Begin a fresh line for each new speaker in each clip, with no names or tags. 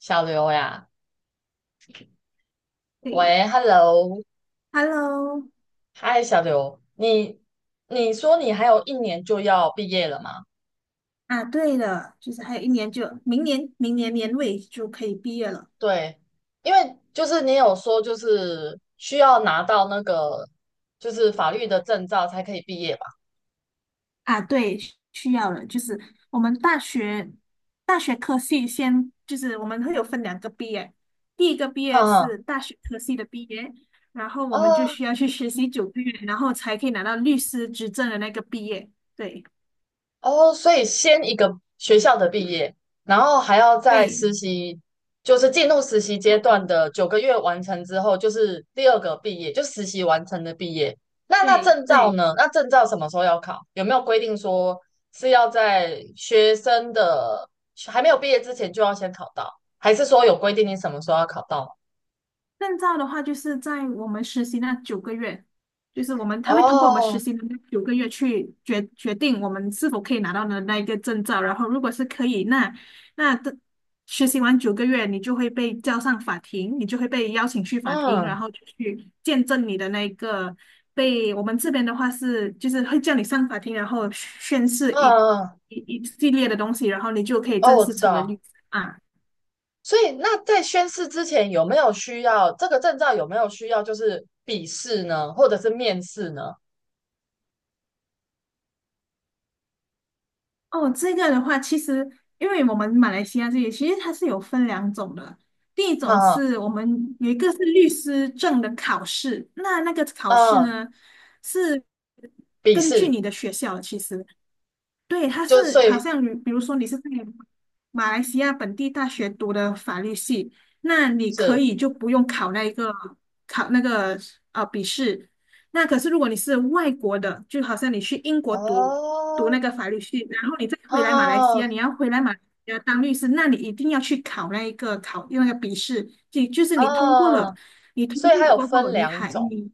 小刘呀，
对
喂，Hello，
，Hello，
嗨，小刘，你说你还有一年就要毕业了吗？
啊，对了，就是还有一年就明年年尾就可以毕业了
对，因为就是你有说就是需要拿到那个就是法律的证照才可以毕业吧？
啊。对，需要了，就是我们大学科系先就是我们会有分两个毕业，第一个毕
哈
业
哈，
是大学科系的毕业，然后我
啊，
们就需要去实习九个月，然后才可以拿到律师执证的那个毕业。对，
哦，所以先一个学校的毕业，然后还要在
对，
实习，就是进入实习
就
阶段
对
的九个月完成之后，就是第二个毕业，就实习完成的毕业。那那
对
证照
对。
呢？那证照什么时候要考？有没有规定说是要在学生的还没有毕业之前就要先考到，还是说有规定你什么时候要考到？
证照的话，就是在我们实习那九个月，就是我们他会通过我们实
哦，
习的那九个月去决定我们是否可以拿到的那一个证照。然后，如果是可以，那那的实习完九个月，你就会被叫上法庭，你就会被邀请去法庭，然
嗯
后就去见证你的那一个被我们这边的话是就是会叫你上法庭，然后宣誓一
嗯嗯，
一一系列的东西，然后你就可以
哦，
正
我
式
知
成为律
道。
师啊。
所以那在宣誓之前有没有需要这个证照？有没有需要就是笔试呢，或者是面试呢？
哦，这个的话，其实因为我们马来西亚这里其实它是有分两种的，第一种
哈、
是我们有一个是律师证的考试，那个考试
啊，
呢是
笔
根据
试
你的学校的其实，对，他
就
是
所
好
以
像你比如说你是在马来西亚本地大学读的法律系，那你可
是
以就不用考那个笔试。那可是如果你是外国的，就好像你去英国读
哦
那个法律系，然后你再回来马来西
哦
亚，你要回来马来西亚当律师，那你一定要去考那个笔试，就是你通过
哦，
了，你通
所以
过
它
了
有
过后，
分
你
两
还
种。
你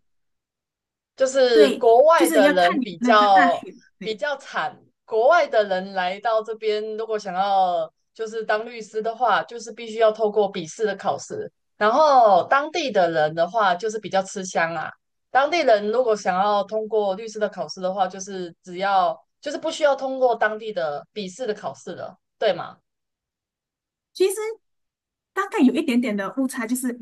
就是
对，
国
就
外
是
的
要
人
看你
比
那个大
较
学。
比
对
较惨，国外的人来到这边，如果想要就是当律师的话，就是必须要透过笔试的考试。然后当地的人的话，就是比较吃香啊。当地人如果想要通过律师的考试的话，就是只要就是不需要通过当地的笔试的考试了，对吗？
其实大概有一点点的误差，就是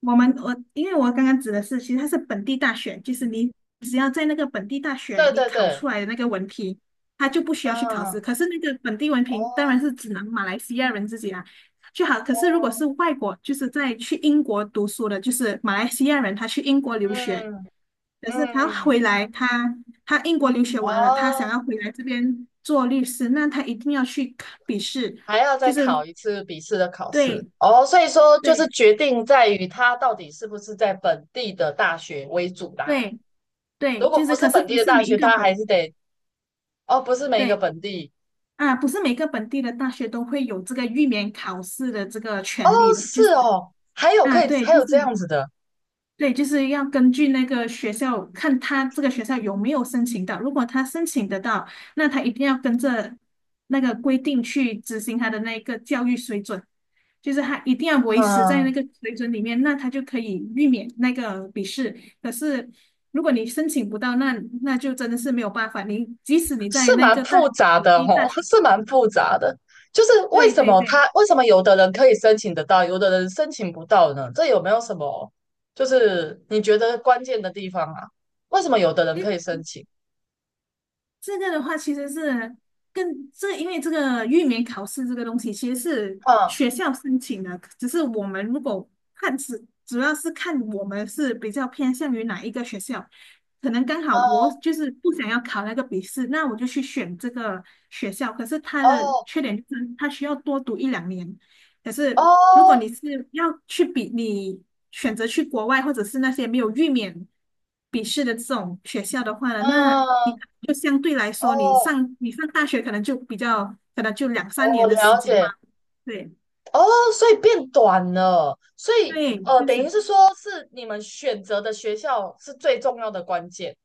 我们我因为我刚刚指的是，其实它是本地大学，就是你只要在那个本地大学
对
你
对
考出
对，
来的那个文凭，他就不需要去考试。
啊，
可是那个本地文
哦
凭当然是只能马来西亚人自己啦，就好。可
哦，
是如果是外国，就是在去英国读书的，就是马来西亚人，他去英国留学，
嗯
可是他
嗯，
回来，他英国留学完了，他想
哦。
要回来这边做律师，那他一定要去考笔试。
还要
就
再
是
考一次笔试的考试
对，
哦，所以说就是
对
决定在于他到底是不是在本地的大学为主啦。
对
如
对，
果
就
不
是
是
可是
本地
不
的
是
大
每一
学，
个
他还是
本
得哦，不是每一个
对
本地
啊，不是每个本地的大学都会有这个预免考试的这个
哦，
权利的，就
是
是
哦，还有
啊，
可以
对，
还
就
有这
是
样子的，
对，就是要根据那个学校，看他这个学校有没有申请到。如果他申请得到，那他一定要跟着那个规定去执行他的那个教育水准，就是他一定要维持在那
嗯，
个水准里面，那他就可以避免那个笔试。可是如果你申请不到，那就真的是没有办法。你即使你在
是
那
蛮
个大
复
学，
杂
本
的
地
哦，
大学，
是蛮复杂的。就是为
对
什
对
么
对。
他为什么有的人可以申请得到，有的人申请不到呢？这有没有什么就是你觉得关键的地方啊？为什么有的人可以申请？
这个的话其实是因为这个域名考试这个东西其实是
嗯
学校申请的，只是我们如果看是主要是看我们是比较偏向于哪一个学校，可能刚好我
哦
就是不想要考那个笔试，那我就去选这个学校。可是它的
哦，
缺点就是它需要多读一两年，可是如果
哦
你是要你选择去国外或者是那些没有预免笔试的这种学校的话呢，那你可
嗯，
能就相对来
哦，
说，
哦
你上大学可能就比较，可能就两三年
我
的时
了
间嘛。
解，
对
哦，所以变短了，所以
对，就
等于
是
是说是你们选择的学校是最重要的关键，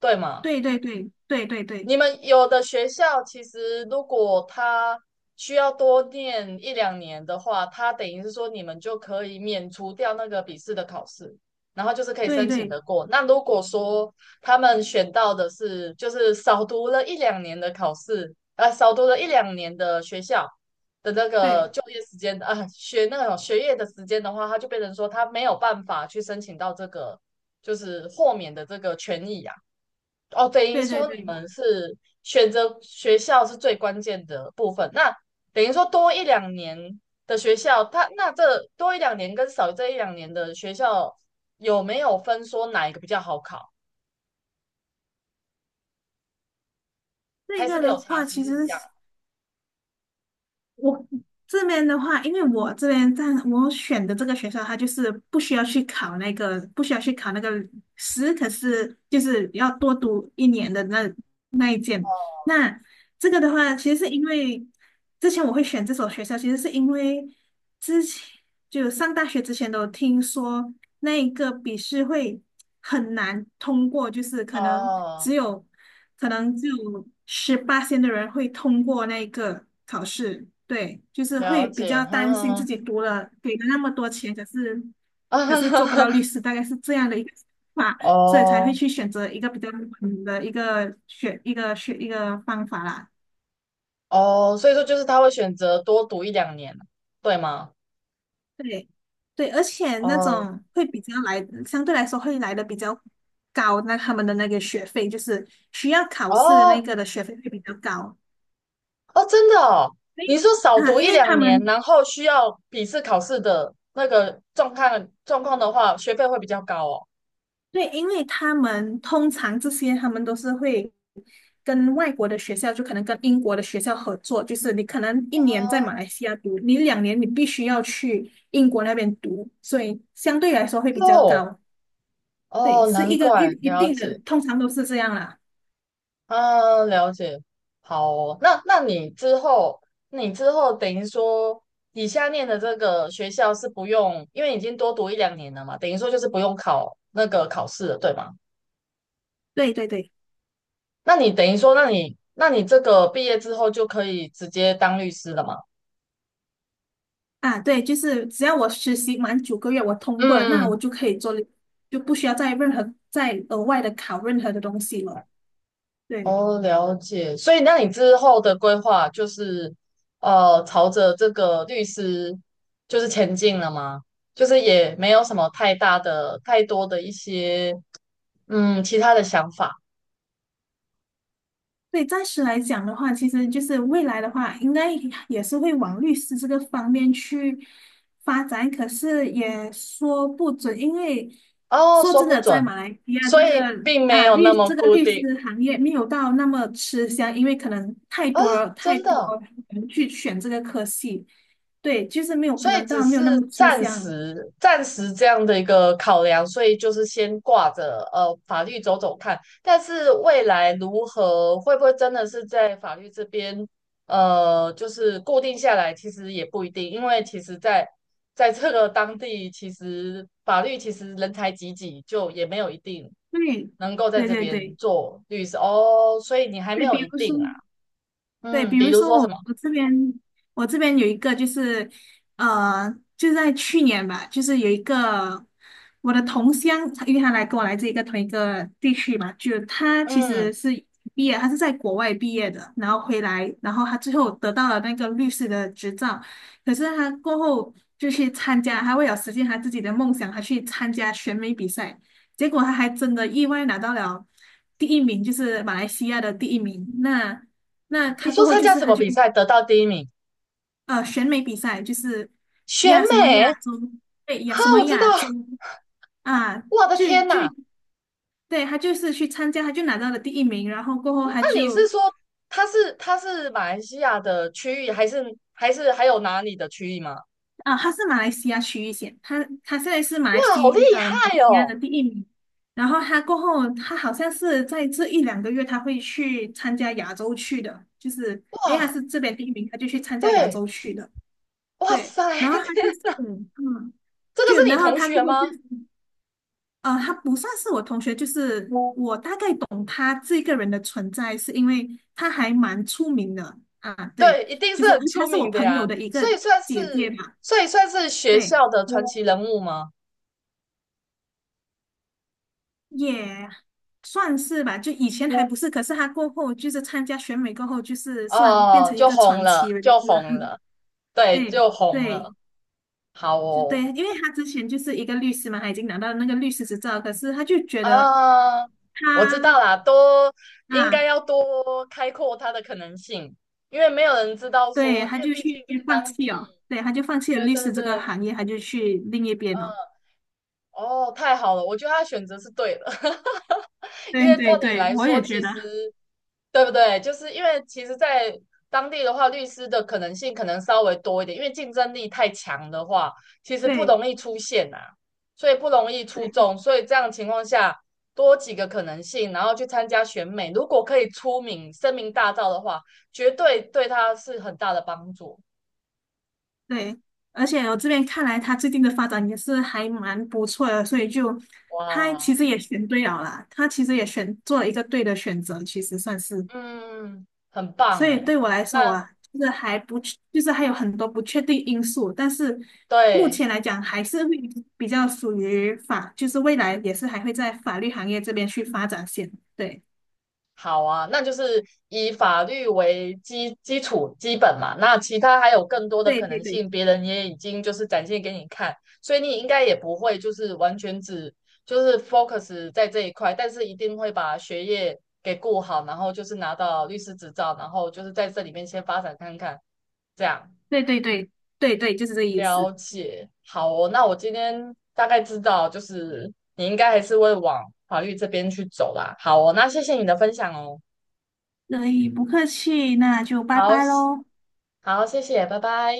对吗？
对对对对对对对
你们有的学校其实如果他需要多念一两年的话，他等于是说你们就可以免除掉那个笔试的考试，然后就是可以申请
对
的过。那如果说他们选到的是就是少读了一两年的考试，啊，少读了一两年的学校的那个
对
就业时间啊，学那种学业的时间的话，他就变成说他没有办法去申请到这个就是豁免的这个权益啊。哦，等于
对对
说你
对，
们是选择学校是最关键的部分。那等于说多一两年的学校，他那这多一两年跟少这一两年的学校有没有分说哪一个比较好考？
这
还是
个
没
的
有差，
话
其
其
实一样？
实我这边的话，因为我这边在我选的这个学校，它就是不需要去考那个，可是就是要多读一年的那一件。那这个的话，其实是因为之前我会选这所学校，其实是因为之前就上大学之前都听说。那一个笔试会很难通过，就是
哦，
可能只有十八线的人会通过那个考试，对，就是
了
会比
解，
较担心自
哈
己读了给了那么多钱，可是
哈，
可是做不到 律师，大概是这样的一个想法，所以才会
哦
去选择一个比较冷的一个选一个选一个方法啦。
哦，所以说就是他会选择多读一两年，对吗？
对，对，而且那
哦
种会比较来，相对来说会来的比较高，那他们的那个学费就是需要考试的
哦，
那个的学费会比较高。
哦，真的哦，
所以
你说少
啊，
读
因
一
为
两
他
年，
们
然后需要笔试考试的那个状况的话，学费会比较高哦。
对，因为他们通常这些他们都是会跟外国的学校，就可能跟英国的学校合作，就是你可能一年在马来西亚读，你两年你必须要去英国那边读，所以相对来说会比较
哦
高。
哦
对，
哦
是
难
一个
怪，
一
了
定的，
解，
通常都是这样啦。
啊，了解，好哦。那那你之后，你之后等于说，你下念的这个学校是不用，因为已经多读一两年了嘛，等于说就是不用考那个考试了，对吗？
对对对。
那你等于说，那你那你这个毕业之后就可以直接当律师了吗？
啊，对，就是只要我实习满九个月，我通过了，那我
嗯
就可以做，就不需要再任何再额外的考任何的东西了。对，
哦，了解。所以，那你之后的规划就是，朝着这个律师就是前进了吗？就是也没有什么太大的、太多的一些其他的想法。
对，暂时来讲的话，其实就是未来的话，应该也是会往律师这个方面去发展，可是也说不准，因为
哦，
说
说
真
不
的，在
准，
马来西亚
所
这
以
个
并没
啊
有那
律
么
这个
固
律
定
师行业没有到那么吃香，因为可能太
啊，
多了太
真的
多
哦。
人去选这个科系，对，就是没有
所
可
以
能当
只
然没有那
是
么吃
暂
香，
时暂时这样的一个考量，所以就是先挂着法律走走看，但是未来如何会不会真的是在法律这边就是固定下来，其实也不一定，因为其实在在这个当地，其实法律其实人才济济，就也没有一定
对，
能够在
对
这
对
边
对
做律师哦，所以你还没
对，
有
比
一
如说。
定啦。
对，
嗯，
比
比
如
如
说
说
我
什么，
我这边有一个就是，呃，就在去年吧，就是有一个我的同乡，因为他来跟我来自同一个地区嘛，就他其
嗯，
实是毕业，他是在国外毕业的，然后回来，然后他最后得到了那个律师的执照，可是他过后就去参加，他为了实现他自己的梦想，他去参加选美比赛，结果他还真的意外拿到了第一名，就是马来西亚的第一名，那。那
你
他过
说
后
参
就
加
是
什
他
么
就
比赛得到第一名，
选美比赛，就是
选
亚什么
美。
亚洲，对亚
哈，
什么
我知道，
亚洲啊，
我的
就
天
就
呐！
对他就是去参加，他就拿到了第一名，然后过后
嗯
他
那你
就
是说他是马来西亚的区域，还是还是还有哪里的区域吗？
他是马来西亚区域选，他现在是
哇，好厉
马来
害
西亚
哦！
的第一名，然后他过后他好像是在这一两个月他会去参加亚洲区的，就是因为他
哇，
是这边第一名，他就去参加亚
对，
洲区的，
哇
对，
塞，
然后 他就
这
是嗯。
个
就
是你
然后
同
他过
学
后就
吗？
呃，他不算是我同学，就是我大概懂他这个人的存在，是因为他还蛮出名的啊。对，
对，一定
就
是
是
很出
他是我
名的
朋
呀，
友的一
所
个
以算
姐姐
是
嘛，
所以算是学
对，
校的传奇人物吗？
也算是吧。就以前还不是，可是他过后就是参加选美过后，就是算变
哦，
成一
就
个
红
传
了，
奇人
就
物了。
红 了，对，
对
就红
对，
了。好
就对，
哦，
因为他之前就是一个律师嘛，他已经拿到那个律师执照，可是他就觉得
啊，我知
他。
道啦，多应该
啊，
要多开阔它的可能性，因为没有人知道
对，
说，
他
因为
就
毕
去
竟在当
放弃哦，
地，
对，他就放弃了
对
律
对
师这个
对，
行业，他就去另一边了。
嗯，哦，太好了，我觉得他选择是对的，因
对
为照
对
你
对，
来
我
说，
也觉
其
得，
实对不对？就是因为其实，在当地的话，律师的可能性可能稍微多一点，因为竞争力太强的话，其实不
对
容易出现啊，所以不容易出
对
众。所以这样的情况下，多几个可能性，然后去参加选美，如果可以出名、声名大噪的话，绝对对他是很大的帮助。
对，而且我这边看来，他最近的发展也是还蛮不错的，所以就他
哇，
其实也选对了啦，他其实也选做了一个对的选择，其实算是。
嗯，很
所
棒
以
哎。
对我来说
那
啊，我就是还不确就是还有很多不确定因素，但是目
对，
前来讲还是会比较属于法，就是未来也是还会在法律行业这边去发展线。对，
好啊，那就是以法律为基础基本嘛，那其他还有更多的
对
可
对
能
对
性，别人也已经就是展现给你看，所以你应该也不会就是完全只就是 focus 在这一块，但是一定会把学业给顾好，然后就是拿到律师执照，然后就是在这里面先发展看看，这样
对对对对对，就是这意
了
思。
解。好哦，那我今天大概知道，就是你应该还是会往法律这边去走啦。好哦，那谢谢你的分享哦。
对，不客气，那就拜
好，
拜喽。
好，谢谢，拜拜。